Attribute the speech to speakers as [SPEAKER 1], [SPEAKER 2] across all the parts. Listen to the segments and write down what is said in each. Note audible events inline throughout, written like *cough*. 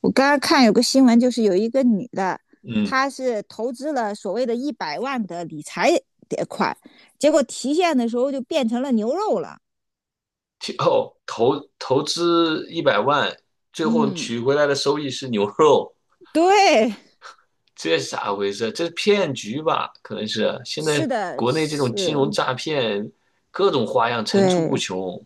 [SPEAKER 1] 我刚刚看有个新闻，就是有一个女的，
[SPEAKER 2] 嗯，
[SPEAKER 1] 她是投资了所谓的100万的理财款，结果提现的时候就变成了牛肉了。
[SPEAKER 2] 投资100万，最后
[SPEAKER 1] 嗯，
[SPEAKER 2] 取回来的收益是牛肉，
[SPEAKER 1] 对，
[SPEAKER 2] 这是咋回事？这是骗局吧？可能是现
[SPEAKER 1] 是
[SPEAKER 2] 在
[SPEAKER 1] 的，
[SPEAKER 2] 国内这种金融
[SPEAKER 1] 是，
[SPEAKER 2] 诈骗，各种花样层出不
[SPEAKER 1] 对，
[SPEAKER 2] 穷。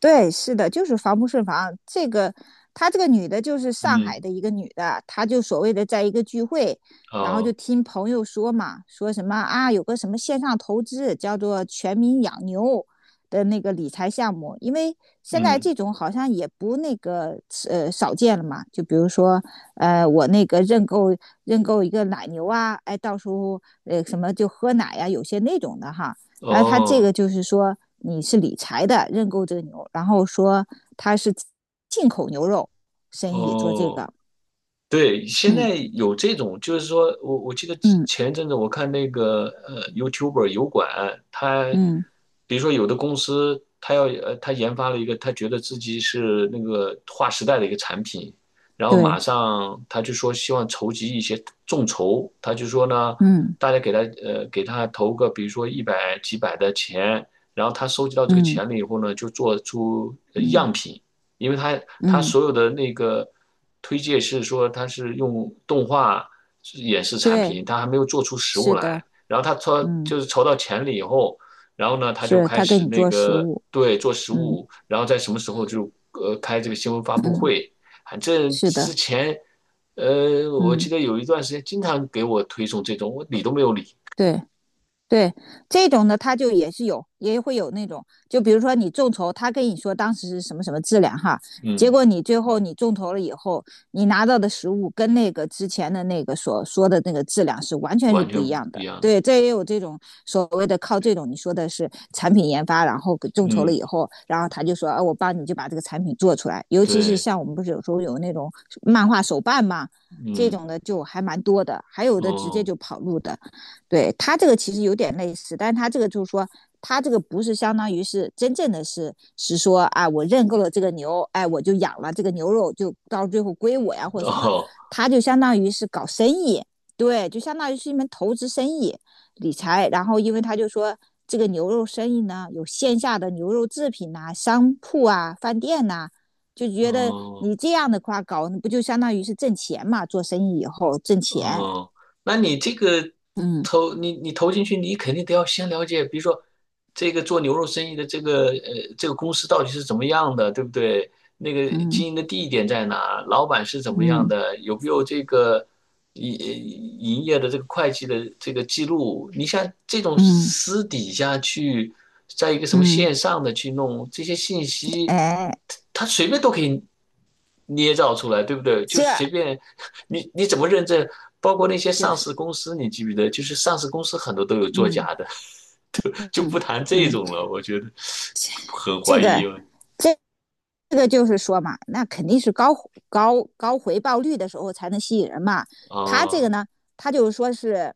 [SPEAKER 1] 对，是的，就是防不胜防。这个，她这个女的，就是上海
[SPEAKER 2] 嗯，
[SPEAKER 1] 的一个女的，她就所谓的在一个聚会，然后就
[SPEAKER 2] 哦，
[SPEAKER 1] 听朋友说嘛，说什么啊，有个什么线上投资叫做"全民养牛"的那个理财项目，因为现在
[SPEAKER 2] 嗯，
[SPEAKER 1] 这种好像也不那个少见了嘛。就比如说，我那个认购一个奶牛啊，哎，到时候什么就喝奶呀、有些那种的哈。然后他这个
[SPEAKER 2] 哦，
[SPEAKER 1] 就是说你是理财的认购这个牛，然后说他是进口牛肉生意做这
[SPEAKER 2] 哦。
[SPEAKER 1] 个，
[SPEAKER 2] 对，现在
[SPEAKER 1] 嗯
[SPEAKER 2] 有这种，就是说我记得
[SPEAKER 1] 嗯
[SPEAKER 2] 前一阵子我看那个YouTuber 油管，他
[SPEAKER 1] 嗯，
[SPEAKER 2] 比如说有的公司他研发了一个他觉得自己是那个划时代的一个产品，然后
[SPEAKER 1] 对，
[SPEAKER 2] 马上他就说希望筹集一些众筹，他就说呢
[SPEAKER 1] 嗯
[SPEAKER 2] 大家给他投个比如说一百几百的钱，然后他收集到这个
[SPEAKER 1] 嗯
[SPEAKER 2] 钱了以后呢就做出
[SPEAKER 1] 嗯
[SPEAKER 2] 样品。因为他
[SPEAKER 1] 嗯，
[SPEAKER 2] 所有的那个推荐是说他是用动画演示产
[SPEAKER 1] 对，
[SPEAKER 2] 品，他还没有做出实
[SPEAKER 1] 是
[SPEAKER 2] 物来。
[SPEAKER 1] 的，
[SPEAKER 2] 然后他筹
[SPEAKER 1] 嗯，
[SPEAKER 2] 就是筹到钱了以后，然后呢他就
[SPEAKER 1] 是
[SPEAKER 2] 开
[SPEAKER 1] 他给
[SPEAKER 2] 始
[SPEAKER 1] 你
[SPEAKER 2] 那
[SPEAKER 1] 做食
[SPEAKER 2] 个
[SPEAKER 1] 物，
[SPEAKER 2] 对做实
[SPEAKER 1] 嗯，
[SPEAKER 2] 物，然后在什么时候就开这个新闻发布会。反正
[SPEAKER 1] 是
[SPEAKER 2] 之
[SPEAKER 1] 的，
[SPEAKER 2] 前我记
[SPEAKER 1] 嗯，
[SPEAKER 2] 得有一段时间经常给我推送这种，我理都没有理，
[SPEAKER 1] 对，对这种呢，它就也是有，也会有那种，就比如说你众筹，他跟你说当时是什么什么质量哈，结
[SPEAKER 2] 嗯，
[SPEAKER 1] 果你最后你众筹了以后，你拿到的实物跟那个之前的那个所说的那个质量是完全是
[SPEAKER 2] 完
[SPEAKER 1] 不一
[SPEAKER 2] 全
[SPEAKER 1] 样
[SPEAKER 2] 不一
[SPEAKER 1] 的。
[SPEAKER 2] 样，
[SPEAKER 1] 对，这也有这种所谓的靠这种你说的是产品研发，然后众筹了
[SPEAKER 2] 嗯，
[SPEAKER 1] 以后，然后他就说，啊，我帮你就把这个产品做出来。尤其是
[SPEAKER 2] 对，
[SPEAKER 1] 像我们不是有时候有那种漫画手办嘛，这
[SPEAKER 2] 嗯，
[SPEAKER 1] 种的就还蛮多的，还有的直接
[SPEAKER 2] 哦，
[SPEAKER 1] 就跑路的。对他这个其实有点类似，但他这个就是说，他这个不是相当于是真正的是说啊，我认购了这个牛，哎，我就养了这个牛肉，就到最后归我呀或者
[SPEAKER 2] *laughs*
[SPEAKER 1] 什么，
[SPEAKER 2] 哦，
[SPEAKER 1] 他就相当于是搞生意，对，就相当于是一门投资生意理财。然后因为他就说这个牛肉生意呢，有线下的牛肉制品呐、商铺啊、饭店呐、就觉得
[SPEAKER 2] 哦。
[SPEAKER 1] 你这样的话搞，不就相当于是挣钱嘛？做生意以后挣钱，
[SPEAKER 2] 哦，那你这个
[SPEAKER 1] 嗯
[SPEAKER 2] 你投进去，你肯定得要先了解，比如说这个做牛肉生意的这个这个公司到底是怎么样的，对不对？那个
[SPEAKER 1] 嗯
[SPEAKER 2] 经营的地点在哪？老板是怎么样
[SPEAKER 1] 嗯。
[SPEAKER 2] 的？有没有这个营营业的这个会计的这个记录？你像这种
[SPEAKER 1] 嗯
[SPEAKER 2] 私底下去，在一个什么
[SPEAKER 1] 嗯，
[SPEAKER 2] 线上的去弄这些信息，
[SPEAKER 1] 哎，
[SPEAKER 2] 他他随便都可以捏造出来，对不对？就是
[SPEAKER 1] 这
[SPEAKER 2] 随便。你怎么认证？包括那些
[SPEAKER 1] 就
[SPEAKER 2] 上
[SPEAKER 1] 是，
[SPEAKER 2] 市公司，你记不记得？就是上市公司很多都有作
[SPEAKER 1] 嗯
[SPEAKER 2] 假的，*laughs* 就
[SPEAKER 1] 嗯
[SPEAKER 2] 不谈这
[SPEAKER 1] 嗯，
[SPEAKER 2] 种了。我觉得很
[SPEAKER 1] 这
[SPEAKER 2] 怀疑
[SPEAKER 1] 个
[SPEAKER 2] 了。
[SPEAKER 1] 这这个就是说嘛，那肯定是高回报率的时候才能吸引人嘛。他这个
[SPEAKER 2] 啊，
[SPEAKER 1] 呢，他就是说是，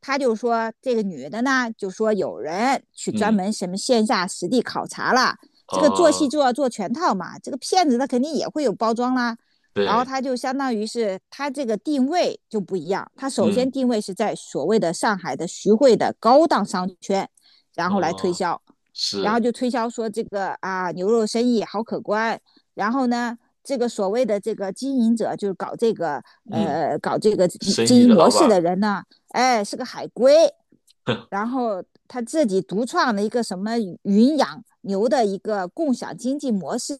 [SPEAKER 1] 他就说这个女的呢，就说有人去专
[SPEAKER 2] 嗯，
[SPEAKER 1] 门什么线下实地考察了，这个做戏
[SPEAKER 2] 哦，
[SPEAKER 1] 就要做全套嘛。这个骗子他肯定也会有包装啦，然后
[SPEAKER 2] 对，
[SPEAKER 1] 他就相当于是他这个定位就不一样，他首先
[SPEAKER 2] 嗯，
[SPEAKER 1] 定位是在所谓的上海的徐汇的高档商圈，然后来推
[SPEAKER 2] 哦，
[SPEAKER 1] 销。然后
[SPEAKER 2] 是，
[SPEAKER 1] 就推销说这个啊牛肉生意好可观，然后呢，这个所谓的这个经营者就是搞这个
[SPEAKER 2] 嗯，生
[SPEAKER 1] 经
[SPEAKER 2] 意
[SPEAKER 1] 营
[SPEAKER 2] 的
[SPEAKER 1] 模
[SPEAKER 2] 老板
[SPEAKER 1] 式
[SPEAKER 2] 儿，
[SPEAKER 1] 的人呢，哎是个海归，然后他自己独创了一个什么云养牛的一个共享经济模式，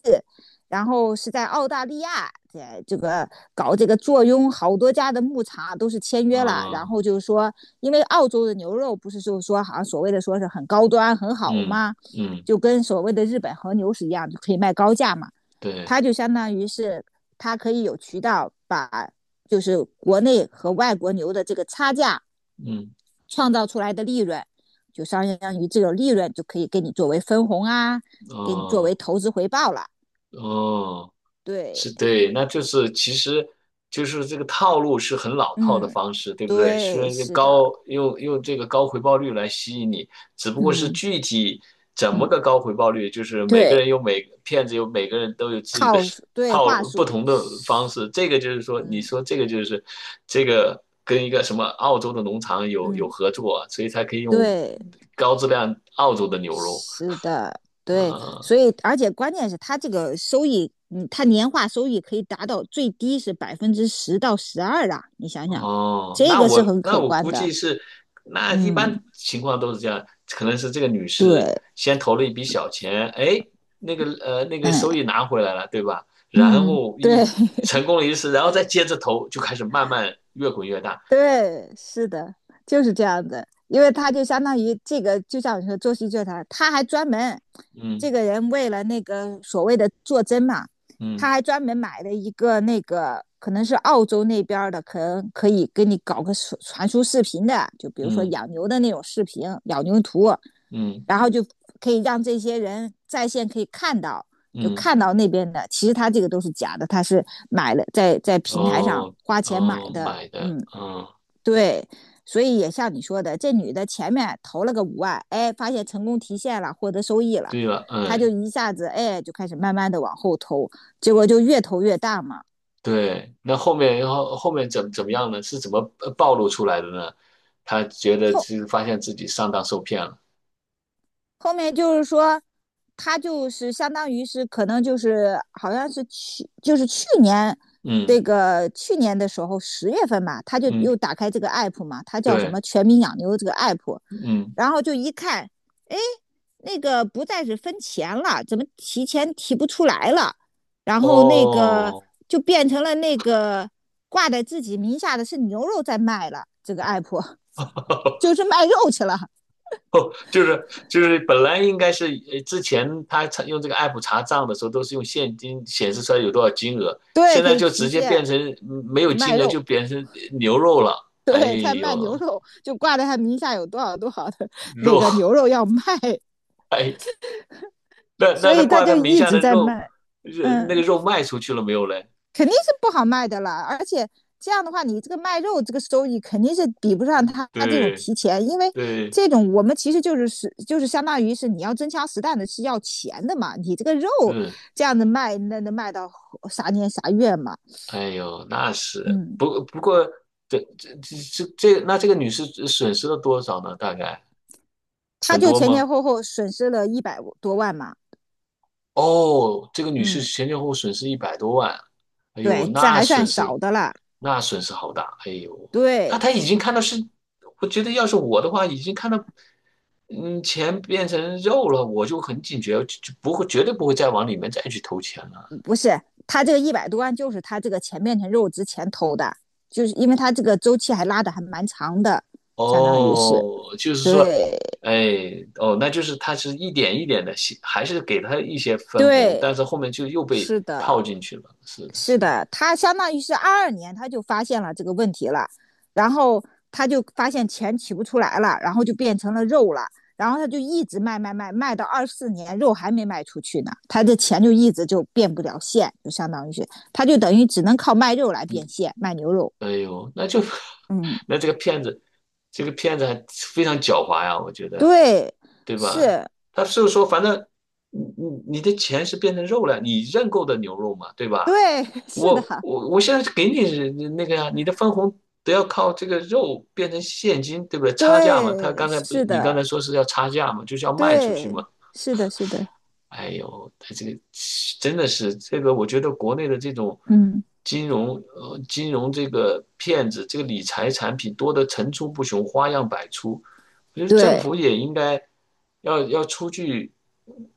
[SPEAKER 1] 然后是在澳大利亚在这个搞这个坐拥好多家的牧场都是签
[SPEAKER 2] *laughs*
[SPEAKER 1] 约了，然
[SPEAKER 2] 嗯
[SPEAKER 1] 后就是说，因为澳洲的牛肉不是就是说好像所谓的说是很高端很好
[SPEAKER 2] 嗯
[SPEAKER 1] 嘛，
[SPEAKER 2] 嗯，
[SPEAKER 1] 就跟所谓的日本和牛是一样，就可以卖高价嘛，
[SPEAKER 2] 对，
[SPEAKER 1] 它就相当于是它可以有渠道把就是国内和外国牛的这个差价。
[SPEAKER 2] 嗯，
[SPEAKER 1] 创造出来的利润，就相当于这种利润就可以给你作为分红啊，给你作为
[SPEAKER 2] 哦
[SPEAKER 1] 投资回报了。
[SPEAKER 2] 哦。
[SPEAKER 1] 对，
[SPEAKER 2] 是对，那就是其实就是这个套路是很老套的
[SPEAKER 1] 嗯，
[SPEAKER 2] 方式，对不对？虽
[SPEAKER 1] 对，
[SPEAKER 2] 然这
[SPEAKER 1] 是的，
[SPEAKER 2] 高用用这个高回报率来吸引你，只不过是
[SPEAKER 1] 嗯
[SPEAKER 2] 具体怎么
[SPEAKER 1] 嗯，
[SPEAKER 2] 个高回报率，就是每个
[SPEAKER 1] 对，
[SPEAKER 2] 人有每骗子有每个人都有自己的
[SPEAKER 1] 套数，
[SPEAKER 2] *laughs*
[SPEAKER 1] 对，
[SPEAKER 2] 套
[SPEAKER 1] 话
[SPEAKER 2] 路，不
[SPEAKER 1] 术，
[SPEAKER 2] 同的方式。这个就是说，你
[SPEAKER 1] 嗯
[SPEAKER 2] 说这个就是这个跟一个什么澳洲的农场有
[SPEAKER 1] 嗯，
[SPEAKER 2] 合作啊所以才可以用
[SPEAKER 1] 对，
[SPEAKER 2] 高质量澳洲的牛肉，
[SPEAKER 1] 是的，对，
[SPEAKER 2] 呃
[SPEAKER 1] 所以而且关键是它这个收益，嗯，它年化收益可以达到最低是10%到12%啊，你想想，
[SPEAKER 2] 哦，
[SPEAKER 1] 这
[SPEAKER 2] 那
[SPEAKER 1] 个是
[SPEAKER 2] 我
[SPEAKER 1] 很
[SPEAKER 2] 那
[SPEAKER 1] 可
[SPEAKER 2] 我
[SPEAKER 1] 观
[SPEAKER 2] 估
[SPEAKER 1] 的，
[SPEAKER 2] 计是，那一
[SPEAKER 1] 嗯，
[SPEAKER 2] 般情况都是这样，可能是这个女士
[SPEAKER 1] 对，
[SPEAKER 2] 先投了一笔小钱，哎，那个
[SPEAKER 1] 嗯。
[SPEAKER 2] 收益拿回来了，对吧？然
[SPEAKER 1] 嗯，
[SPEAKER 2] 后
[SPEAKER 1] 对
[SPEAKER 2] 一
[SPEAKER 1] *laughs*
[SPEAKER 2] 成功了一次，然后再接着投，就开始慢慢越滚越大。
[SPEAKER 1] 对，是的，就是这样的。因为他就相当于这个，就像你说做戏剧团，他还专门这
[SPEAKER 2] 嗯
[SPEAKER 1] 个人为了那个所谓的做针嘛，他
[SPEAKER 2] 嗯
[SPEAKER 1] 还专门买了一个那个可能是澳洲那边儿的，可能可以给你搞个传输视频的，就比如说
[SPEAKER 2] 嗯
[SPEAKER 1] 养牛的那种视频，养牛图，
[SPEAKER 2] 嗯
[SPEAKER 1] 然后就可以让这些人在线可以看到，就
[SPEAKER 2] 嗯，
[SPEAKER 1] 看到那边的，其实他这个都是假的，他是买了在平台上
[SPEAKER 2] 哦
[SPEAKER 1] 花钱买
[SPEAKER 2] 哦，
[SPEAKER 1] 的，
[SPEAKER 2] 买的，
[SPEAKER 1] 嗯，
[SPEAKER 2] 嗯，
[SPEAKER 1] 对，所以也像你说的，这女的前面投了个5万，哎，发现成功提现了，获得收益了，
[SPEAKER 2] 对了，
[SPEAKER 1] 她就
[SPEAKER 2] 嗯，
[SPEAKER 1] 一下子哎就开始慢慢的往后投，结果就越投越大嘛，
[SPEAKER 2] 对，那后面然后后面怎么样呢？是怎么暴露出来的呢？他觉得
[SPEAKER 1] 后
[SPEAKER 2] 是发现自己上当受骗了。
[SPEAKER 1] 后面就是说，他就是相当于是可能就是好像是去就是去年这
[SPEAKER 2] 嗯
[SPEAKER 1] 个去年的时候10月份吧，他就
[SPEAKER 2] 嗯，
[SPEAKER 1] 又打开这个 app 嘛，他叫什
[SPEAKER 2] 对，
[SPEAKER 1] 么"全民养牛"这个 app，
[SPEAKER 2] 嗯
[SPEAKER 1] 然后就一看，哎，那个不再是分钱了，怎么提前提不出来了？然后那个
[SPEAKER 2] 哦，
[SPEAKER 1] 就变成了那个挂在自己名下的是牛肉在卖了，这个 app *laughs* 就是
[SPEAKER 2] *laughs*
[SPEAKER 1] 卖肉去了，
[SPEAKER 2] 哦，就是本来应该是之前他用这个 app 查账的时候都是用现金显示出来有多少金额，
[SPEAKER 1] 对，
[SPEAKER 2] 现
[SPEAKER 1] 可
[SPEAKER 2] 在
[SPEAKER 1] 以
[SPEAKER 2] 就
[SPEAKER 1] 提
[SPEAKER 2] 直接变
[SPEAKER 1] 现
[SPEAKER 2] 成没有
[SPEAKER 1] 卖
[SPEAKER 2] 金额
[SPEAKER 1] 肉。
[SPEAKER 2] 就变成牛肉了。
[SPEAKER 1] *laughs*
[SPEAKER 2] 哎
[SPEAKER 1] 对，他卖牛
[SPEAKER 2] 呦，
[SPEAKER 1] 肉，就挂在他名下有多少多少的那
[SPEAKER 2] 肉，
[SPEAKER 1] 个牛肉要卖，
[SPEAKER 2] *laughs* 哎，那
[SPEAKER 1] 所
[SPEAKER 2] 那他
[SPEAKER 1] 以他
[SPEAKER 2] 挂
[SPEAKER 1] 就
[SPEAKER 2] 他名
[SPEAKER 1] 一
[SPEAKER 2] 下
[SPEAKER 1] 直
[SPEAKER 2] 的
[SPEAKER 1] 在
[SPEAKER 2] 肉，
[SPEAKER 1] 卖。
[SPEAKER 2] 那个
[SPEAKER 1] 嗯，
[SPEAKER 2] 肉卖出去了没有嘞？
[SPEAKER 1] 肯定是不好卖的啦。而且这样的话，你这个卖肉这个收益肯定是比不上他这种
[SPEAKER 2] 对
[SPEAKER 1] 提钱，因为
[SPEAKER 2] 对
[SPEAKER 1] 这种我们其实就是相当于是你要真枪实弹的是要钱的嘛。你这个肉
[SPEAKER 2] 是，
[SPEAKER 1] 这样子卖，那能卖到啥年啥月嘛？
[SPEAKER 2] 哎呦，那是
[SPEAKER 1] 嗯，
[SPEAKER 2] 不过，这这这这，那这个女士损失了多少呢？大概
[SPEAKER 1] 他
[SPEAKER 2] 很
[SPEAKER 1] 就
[SPEAKER 2] 多
[SPEAKER 1] 前前
[SPEAKER 2] 吗？
[SPEAKER 1] 后后损失了一百多万嘛。
[SPEAKER 2] 哦，这个女士
[SPEAKER 1] 嗯，
[SPEAKER 2] 前前后后损失100多万，哎呦，
[SPEAKER 1] 对，这
[SPEAKER 2] 那
[SPEAKER 1] 还算
[SPEAKER 2] 损
[SPEAKER 1] 少
[SPEAKER 2] 失
[SPEAKER 1] 的了。
[SPEAKER 2] 那损失好大，哎呦，那
[SPEAKER 1] 对，
[SPEAKER 2] 她已经看到是，我觉得要是我的话，已经看到钱变成肉了，我就很警觉，就不会绝对不会再往里面再去投钱了。
[SPEAKER 1] 不是，他这个一百多万就是他这个钱变成肉之前投的，就是因为他这个周期还拉的还蛮长的，相当于是
[SPEAKER 2] 哦，就是说，
[SPEAKER 1] 对
[SPEAKER 2] 哎，哦，那就是他是一点一点的，还是给他一些分红，但
[SPEAKER 1] 对，
[SPEAKER 2] 是后面就又被
[SPEAKER 1] 是的，
[SPEAKER 2] 套进去了。是的，
[SPEAKER 1] 是
[SPEAKER 2] 是的。
[SPEAKER 1] 的，他相当于是22年他就发现了这个问题了，然后他就发现钱取不出来了，然后就变成了肉了，然后他就一直卖卖卖，卖到24年肉还没卖出去呢，他这钱就一直就变不了现，就相当于是他就等于只能靠卖肉来变现，卖牛肉，
[SPEAKER 2] 哎呦，那就
[SPEAKER 1] 嗯。
[SPEAKER 2] *laughs*，那这个骗子，还非常狡猾呀，我觉得，
[SPEAKER 1] 对，
[SPEAKER 2] 对吧？
[SPEAKER 1] 是，
[SPEAKER 2] 他就是说，反正你的钱是变成肉了，你认购的牛肉嘛，对吧？
[SPEAKER 1] 对，*laughs* 是的，
[SPEAKER 2] 我现在给你那个呀，你的分红都要靠这个肉变成现金，对不对？差价嘛，他
[SPEAKER 1] 对，
[SPEAKER 2] 刚才不是
[SPEAKER 1] 是
[SPEAKER 2] 你刚
[SPEAKER 1] 的，
[SPEAKER 2] 才说是要差价嘛，就是要卖出去嘛。
[SPEAKER 1] 对，是的，是的，
[SPEAKER 2] 哎呦，他这个真的是这个，我觉得国内的这种
[SPEAKER 1] 嗯，
[SPEAKER 2] 金融这个骗子，这个理财产品多得层出不穷，花样百出。我觉得政
[SPEAKER 1] 对，
[SPEAKER 2] 府也应该要出去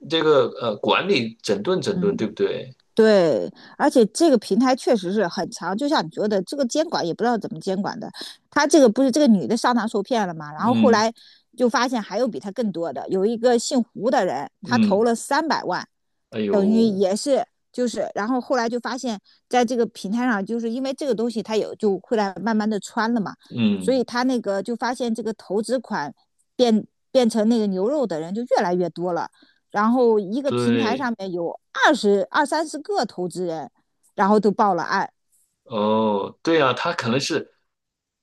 [SPEAKER 2] 这个管理整顿整顿，
[SPEAKER 1] 嗯，
[SPEAKER 2] 对不对？
[SPEAKER 1] 对，而且这个平台确实是很长，就像你说的，这个监管也不知道怎么监管的。他这个不是这个女的上当受骗了嘛？然后后
[SPEAKER 2] 嗯
[SPEAKER 1] 来就发现还有比他更多的，有一个姓胡的人，他投
[SPEAKER 2] 嗯，
[SPEAKER 1] 了300万。
[SPEAKER 2] 哎
[SPEAKER 1] 等于
[SPEAKER 2] 呦，
[SPEAKER 1] 也是就是，然后后来就发现，在这个平台上，就是因为这个东西它有就会来慢慢的穿了嘛，所以
[SPEAKER 2] 嗯。
[SPEAKER 1] 他那个就发现这个投资款变成那个牛肉的人就越来越多了，然后一个平台
[SPEAKER 2] 对，
[SPEAKER 1] 上面有二三十个投资人，然后都报了案。
[SPEAKER 2] 哦，对啊，他可能是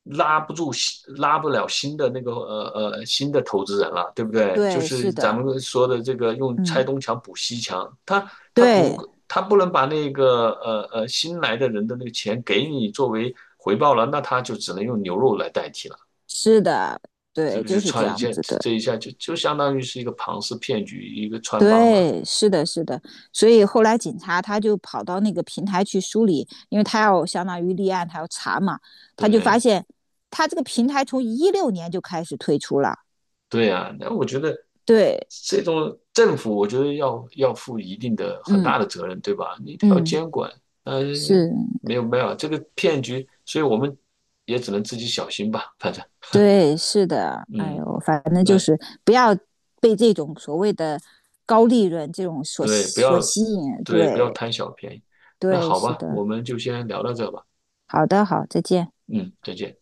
[SPEAKER 2] 拉不住新，拉不了新的那个新的投资人了，对不对？就
[SPEAKER 1] 对，是
[SPEAKER 2] 是咱
[SPEAKER 1] 的，
[SPEAKER 2] 们说的这个用拆
[SPEAKER 1] 嗯，
[SPEAKER 2] 东墙补西墙，他他
[SPEAKER 1] 对，
[SPEAKER 2] 不他不能把那个新来的人的那个钱给你作为回报了，那他就只能用牛肉来代替了，
[SPEAKER 1] 是的，
[SPEAKER 2] 这
[SPEAKER 1] 对，
[SPEAKER 2] 不就
[SPEAKER 1] 就是这
[SPEAKER 2] 串一
[SPEAKER 1] 样
[SPEAKER 2] 下，
[SPEAKER 1] 子的。
[SPEAKER 2] 这一下就相当于是一个庞氏骗局，一个穿帮了，
[SPEAKER 1] 对，是的，是的，所以后来警察他就跑到那个平台去梳理，因为他要相当于立案，他要查嘛，他就发
[SPEAKER 2] 对。
[SPEAKER 1] 现他这个平台从16年就开始推出了，
[SPEAKER 2] 对啊，那我觉得
[SPEAKER 1] 对，
[SPEAKER 2] 这种政府，我觉得要负一定的很
[SPEAKER 1] 嗯
[SPEAKER 2] 大的责任，对吧？你得要
[SPEAKER 1] 嗯，
[SPEAKER 2] 监管，呃，
[SPEAKER 1] 是，
[SPEAKER 2] 没有没有这个骗局，所以我们也只能自己小心吧，反正，
[SPEAKER 1] 对，是的，哎
[SPEAKER 2] 嗯，
[SPEAKER 1] 呦，反正就
[SPEAKER 2] 那
[SPEAKER 1] 是不要被这种所谓的高利润这种所
[SPEAKER 2] 对，不
[SPEAKER 1] 所
[SPEAKER 2] 要
[SPEAKER 1] 吸引，
[SPEAKER 2] 对，不要
[SPEAKER 1] 对
[SPEAKER 2] 贪小便宜。那
[SPEAKER 1] 对，
[SPEAKER 2] 好
[SPEAKER 1] 是
[SPEAKER 2] 吧，
[SPEAKER 1] 的，
[SPEAKER 2] 我们就先聊到这吧，
[SPEAKER 1] 好的，好，再见。
[SPEAKER 2] 嗯，再见。